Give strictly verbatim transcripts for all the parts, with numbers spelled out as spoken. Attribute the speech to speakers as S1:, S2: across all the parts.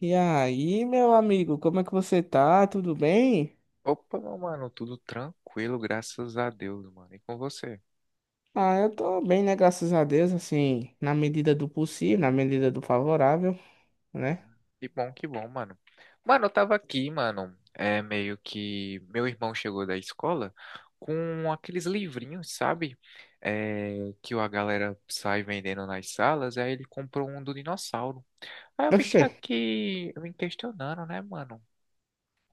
S1: E aí, meu amigo, como é que você tá? Tudo bem?
S2: Opa, meu mano, tudo tranquilo, graças a Deus, mano. E com você?
S1: Ah, eu tô bem, né? Graças a Deus, assim, na medida do possível, na medida do favorável, né?
S2: Que bom, que bom, mano. Mano, eu tava aqui, mano. É meio que meu irmão chegou da escola com aqueles livrinhos, sabe? É, que a galera sai vendendo nas salas. Aí ele comprou um do dinossauro. Aí eu
S1: Oxê,
S2: fiquei aqui me questionando, né, mano?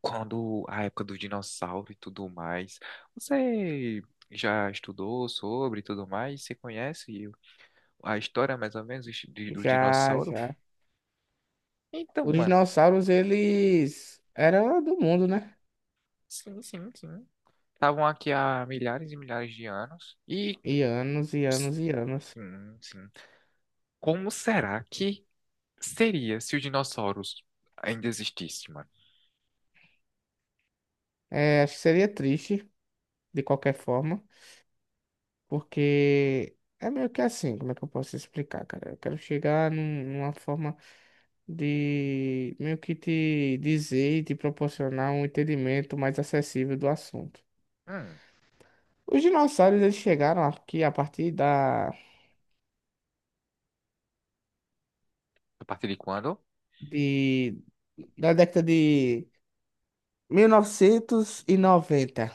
S2: Quando a época do dinossauro e tudo mais. Você já estudou sobre e tudo mais? Você conhece a história, mais ou menos, de- do
S1: já,
S2: dinossauro.
S1: já.
S2: Então,
S1: Os
S2: mano,
S1: dinossauros, eles eram do mundo, né?
S2: sim, sim, sim. Estavam aqui há milhares e milhares de anos. E
S1: E anos, e anos, e anos.
S2: sim, sim. Como será que seria se os dinossauros ainda existissem, mano?
S1: É, acho que seria triste, de qualquer forma, porque é meio que assim, como é que eu posso explicar, cara? Eu quero chegar num- numa forma de meio que te dizer e te proporcionar um entendimento mais acessível do assunto.
S2: Hum,
S1: Os dinossauros eles chegaram aqui a partir da,
S2: a partir de quando?
S1: de, da década de mil novecentos e noventa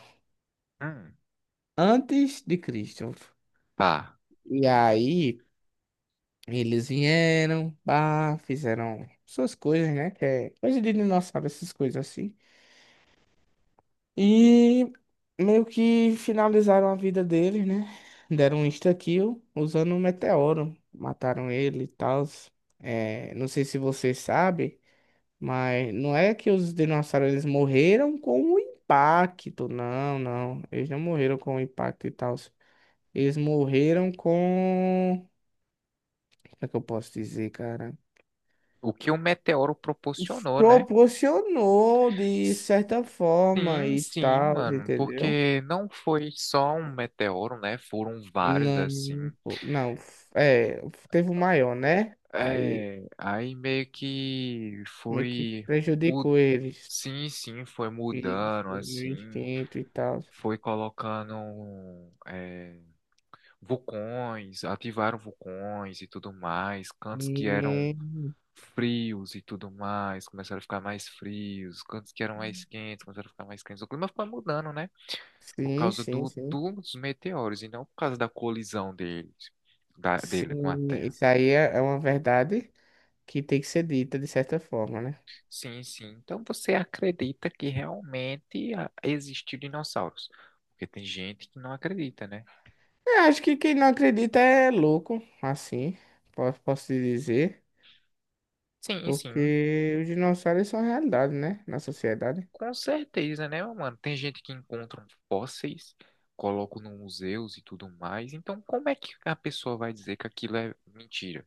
S2: Hum,
S1: antes de Cristo.
S2: pá.
S1: E aí eles vieram, pá, fizeram suas coisas, né? Que é coisa de dinossauro, essas coisas assim. E meio que finalizaram a vida dele, né? Deram um insta-kill usando um meteoro. Mataram ele e tal. É, não sei se você sabe, mas não é que os dinossauros eles morreram com o impacto. Não, não. Eles não morreram com o impacto e tal. Eles morreram com. Como é que eu posso dizer, cara?
S2: O que o meteoro proporcionou, né?
S1: Proporcionou de certa forma
S2: Sim,
S1: e
S2: sim,
S1: tal,
S2: mano.
S1: entendeu?
S2: Porque não foi só um meteoro, né? Foram vários assim.
S1: Não, pô, não, f- é, teve o maior, né? Aí
S2: É, aí meio que
S1: meio que
S2: foi mud...
S1: prejudicou eles,
S2: sim, sim, foi
S1: e
S2: mudando assim,
S1: mil e quinhentos e tal.
S2: foi colocando é, vulcões, ativaram vulcões e tudo mais, cantos que eram
S1: Hum.
S2: frios e tudo mais, começaram a ficar mais frios, cantos que eram mais quentes, começaram a ficar mais quentes. O clima foi mudando, né? Por
S1: Sim,
S2: causa
S1: sim,
S2: do,
S1: sim.
S2: dos meteoros e não por causa da colisão deles, da, dele com a
S1: Sim,
S2: Terra.
S1: isso aí é é uma verdade que tem que ser dita de certa forma, né?
S2: Sim, sim. Então você acredita que realmente a- existiu dinossauros? Porque tem gente que não acredita, né?
S1: Eu acho que quem não acredita é louco, assim, posso, posso te dizer,
S2: Sim, sim.
S1: porque os dinossauros são realidade, né? Na sociedade.
S2: Com certeza, né, meu mano? Tem gente que encontra fósseis, colocam no museus e tudo mais. Então, como é que a pessoa vai dizer que aquilo é mentira,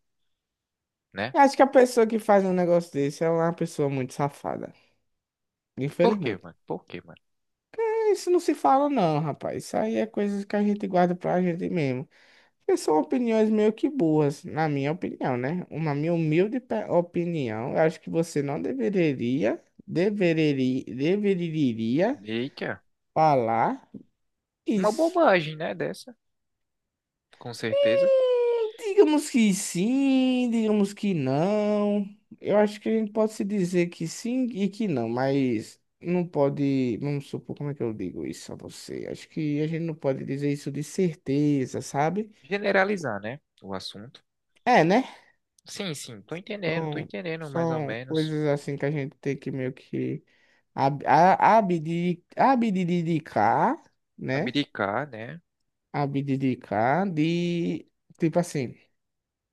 S2: né?
S1: Eu acho que a pessoa que faz um negócio desse é uma pessoa muito safada.
S2: Por quê,
S1: Infelizmente.
S2: mano? Por quê, mano?
S1: É, isso não se fala, não, rapaz. Isso aí é coisas que a gente guarda pra gente mesmo. Porque são opiniões meio que burras, na minha opinião, né? Uma minha humilde pe- opinião. Eu acho que você não deveria, deveria, deveria
S2: Eita,
S1: falar
S2: uma
S1: isso.
S2: bobagem, né, dessa? Com certeza.
S1: Hum. Digamos que sim, digamos que não. Eu acho que a gente pode se dizer que sim e que não, mas não pode. Vamos supor, como é que eu digo isso a você? Acho que a gente não pode dizer isso de certeza, sabe?
S2: Generalizar, né, o assunto.
S1: É, né?
S2: Sim, sim, tô entendendo, tô
S1: São,
S2: entendendo mais ou
S1: são
S2: menos.
S1: coisas assim que a gente tem que meio que ab- a- abdi- abdicar, né?
S2: Abdicar, né?
S1: Abdicar de. Tipo assim.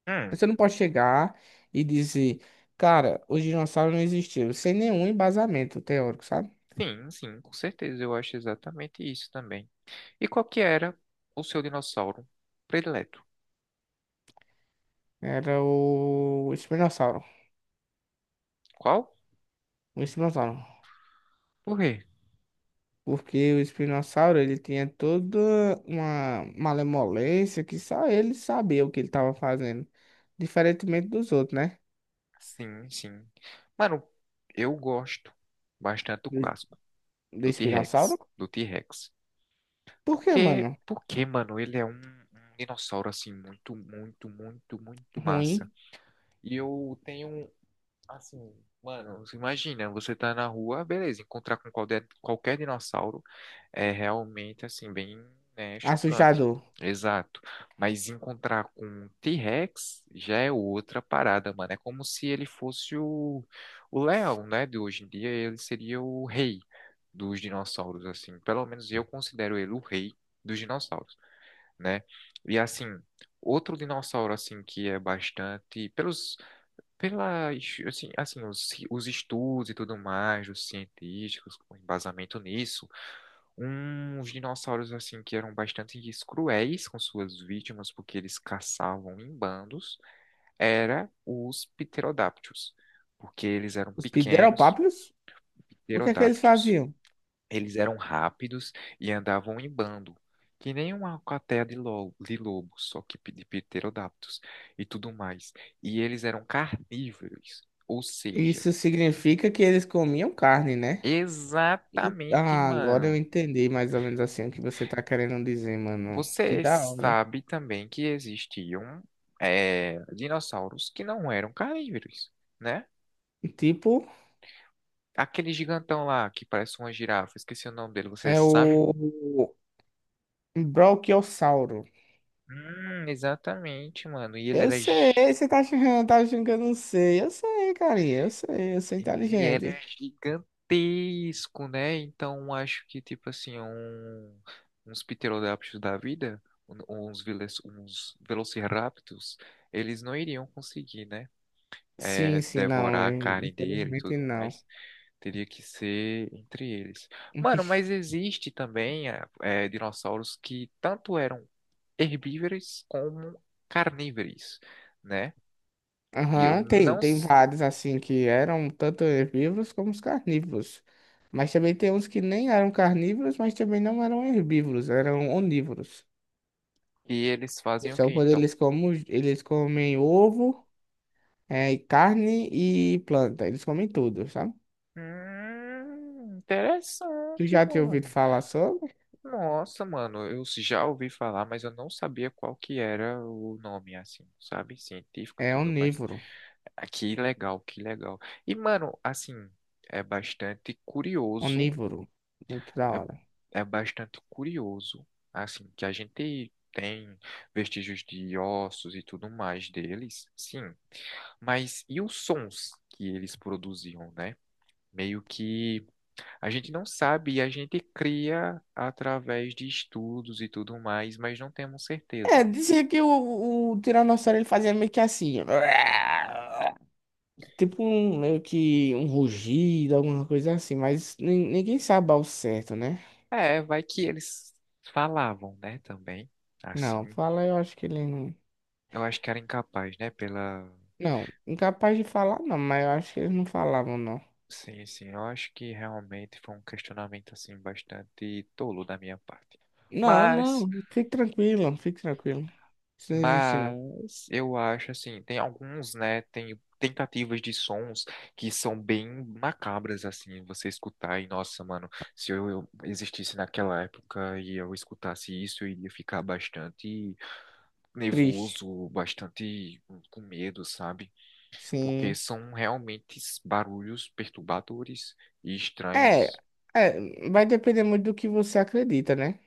S2: Hum.
S1: Você não pode chegar e dizer, cara, os dinossauros não existiam, sem nenhum embasamento teórico, sabe?
S2: Sim, sim, com certeza. Eu acho exatamente isso também. E qual que era o seu dinossauro predileto?
S1: Era o espinossauro.
S2: Qual?
S1: O espinossauro.
S2: Por quê?
S1: Porque o espinossauro, ele tinha toda uma malemolência que só ele sabia o que ele estava fazendo. Diferentemente dos outros, né?
S2: Sim, sim. Mano, eu gosto bastante do
S1: Do,
S2: clássico,
S1: do
S2: do
S1: espinossauro.
S2: T-Rex, do T-Rex.
S1: Por que,
S2: Porque,
S1: mano?
S2: porque, mano, ele é um, um dinossauro, assim, muito, muito, muito, muito massa.
S1: Ruim,
S2: E eu tenho, assim, mano, você imagina, você tá na rua, beleza, encontrar com qualquer, qualquer dinossauro. É realmente assim, bem, né, chocante.
S1: assustador.
S2: Exato. Mas encontrar com um T-Rex já é outra parada, mano. É como se ele fosse o, o leão, né? De hoje em dia, ele seria o rei dos dinossauros, assim. Pelo menos eu considero ele o rei dos dinossauros, né? E assim, outro dinossauro, assim, que é bastante. Pelos. Pela, assim, assim, os, os estudos e tudo mais, os científicos, com embasamento nisso um, uns dinossauros assim que eram bastante cruéis com suas vítimas porque eles caçavam em bandos, era os pterodáctilos, porque eles eram
S1: Os
S2: pequenos,
S1: pideropápios, o que é que eles
S2: pterodáctilos.
S1: faziam?
S2: Eles eram rápidos e andavam em bando, que nem uma alcateia de lo- de lobo, só que de pterodáctilos e tudo mais. E eles eram carnívoros, ou seja,
S1: Isso significa que eles comiam carne, né? E-
S2: exatamente,
S1: Ah, agora eu
S2: mano.
S1: entendi mais ou menos assim o que você tá querendo dizer, mano. Que
S2: Você
S1: da hora.
S2: sabe também que existiam é, dinossauros que não eram carnívoros, né?
S1: Tipo,
S2: Aquele gigantão lá que parece uma girafa, esqueci o nome dele, você
S1: é
S2: sabe?
S1: o Brachiosauro.
S2: Hum, exatamente, mano. E ele
S1: Eu
S2: era,
S1: sei,
S2: gi-
S1: você tá achando, tá achando que eu não sei. Eu sei, carinha, eu sei, eu sou
S2: ele era
S1: inteligente.
S2: gigantesco, né? Então acho que, tipo assim, um, uns pterodáptios da vida, um- uns, vele- uns velociraptors, eles não iriam conseguir, né?
S1: Sim,
S2: É,
S1: sim, não,
S2: devorar a
S1: eu-
S2: carne dele e
S1: infelizmente
S2: tudo
S1: não.
S2: mais. Teria que ser entre eles.
S1: Um
S2: Mano,
S1: bicho.
S2: mas existe também é, é, dinossauros que tanto eram herbívoros como carnívoros, né? E eu
S1: Aham, tem,
S2: não.
S1: tem
S2: s-
S1: vários assim que eram tanto herbívoros como os carnívoros. Mas também tem uns que nem eram carnívoros, mas também não eram herbívoros, eram onívoros.
S2: e eles fazem o
S1: Só
S2: quê,
S1: quando
S2: então?
S1: eles comem, eles comem ovo, é, e carne e planta. Eles comem tudo, sabe?
S2: Hum,
S1: Tu
S2: interessante,
S1: já tinha ouvido
S2: mano.
S1: falar sobre?
S2: Nossa, mano, eu já ouvi falar, mas eu não sabia qual que era o nome, assim, sabe? Científico e
S1: É
S2: tudo mais.
S1: onívoro.
S2: Ah, que legal, que legal. E, mano, assim, é bastante curioso
S1: Onívoro. Muito da
S2: é,
S1: hora.
S2: é bastante curioso, assim, que a gente tem vestígios de ossos e tudo mais deles, sim, mas e os sons que eles produziam, né? Meio que a gente não sabe e a gente cria através de estudos e tudo mais, mas não temos
S1: É,
S2: certeza.
S1: dizia que o, o tiranossauro ele fazia meio que assim. Tipo um, meio que um rugido, alguma coisa assim. Mas nin- ninguém sabe ao certo, né?
S2: É, vai que eles falavam, né, também,
S1: Não,
S2: assim.
S1: fala eu acho que ele não.
S2: Eu acho que era incapaz, né, pela
S1: Não, incapaz de falar não, mas eu acho que eles não falavam não.
S2: sim, sim, eu acho que realmente foi um questionamento assim bastante tolo da minha parte.
S1: Não, não,
S2: Mas,
S1: fique tranquilo, fique tranquilo. Isso não existe, não.
S2: mas eu acho assim, tem alguns, né, tem tentativas de sons que são bem macabras assim, você escutar e nossa, mano, se eu, eu existisse naquela época e eu escutasse isso, eu iria ficar bastante
S1: Triste.
S2: nervoso, bastante com medo, sabe? Porque
S1: Sim.
S2: são realmente barulhos perturbadores e
S1: É,
S2: estranhos.
S1: é, vai depender muito do que você acredita, né?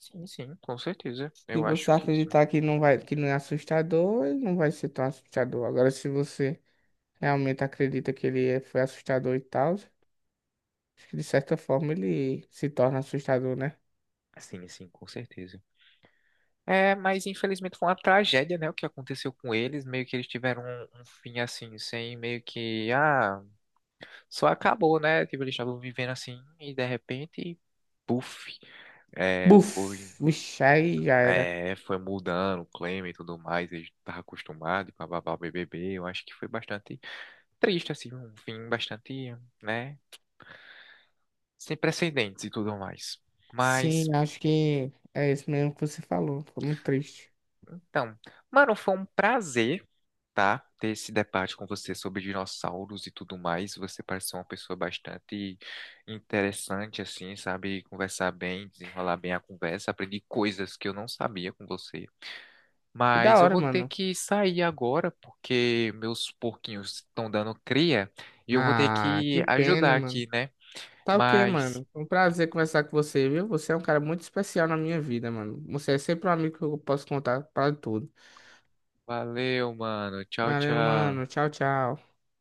S2: Sim, sim, com certeza.
S1: Se
S2: Eu
S1: você
S2: acho que sim.
S1: acreditar que não vai, que não é assustador, ele não vai ser tão assustador. Agora, se você realmente acredita que ele é- foi assustador e tal, acho que de certa forma ele se torna assustador, né?
S2: Sim, sim, com certeza. É, mas infelizmente foi uma tragédia, né? O que aconteceu com eles, meio que eles tiveram um, um fim assim, sem meio que, ah, só acabou, né? Tipo, eles estavam vivendo assim e de repente, puf, é, foi,
S1: Buf! Vixe, aí já era.
S2: é, foi mudando o clima e tudo mais, eles estavam acostumados, e bababá, B B B. Eu acho que foi bastante triste, assim, um fim bastante, né? Sem precedentes e tudo mais. Mas.
S1: Sim, acho que é isso mesmo que você falou. Ficou muito triste.
S2: Então, mano, foi um prazer, tá? Ter esse debate com você sobre dinossauros e tudo mais. Você pareceu uma pessoa bastante interessante, assim, sabe? Conversar bem, desenrolar bem a conversa. Aprendi coisas que eu não sabia com você.
S1: Que da
S2: Mas eu
S1: hora,
S2: vou ter
S1: mano.
S2: que sair agora, porque meus porquinhos estão dando cria e eu vou ter
S1: Ah, que
S2: que
S1: pena,
S2: ajudar
S1: mano.
S2: aqui, né?
S1: Tá o quê,
S2: Mas
S1: mano? Foi um prazer conversar com você, viu? Você é um cara muito especial na minha vida, mano. Você é sempre um amigo que eu posso contar pra tudo.
S2: valeu, mano. Tchau,
S1: Valeu, mano.
S2: tchau.
S1: Tchau, tchau.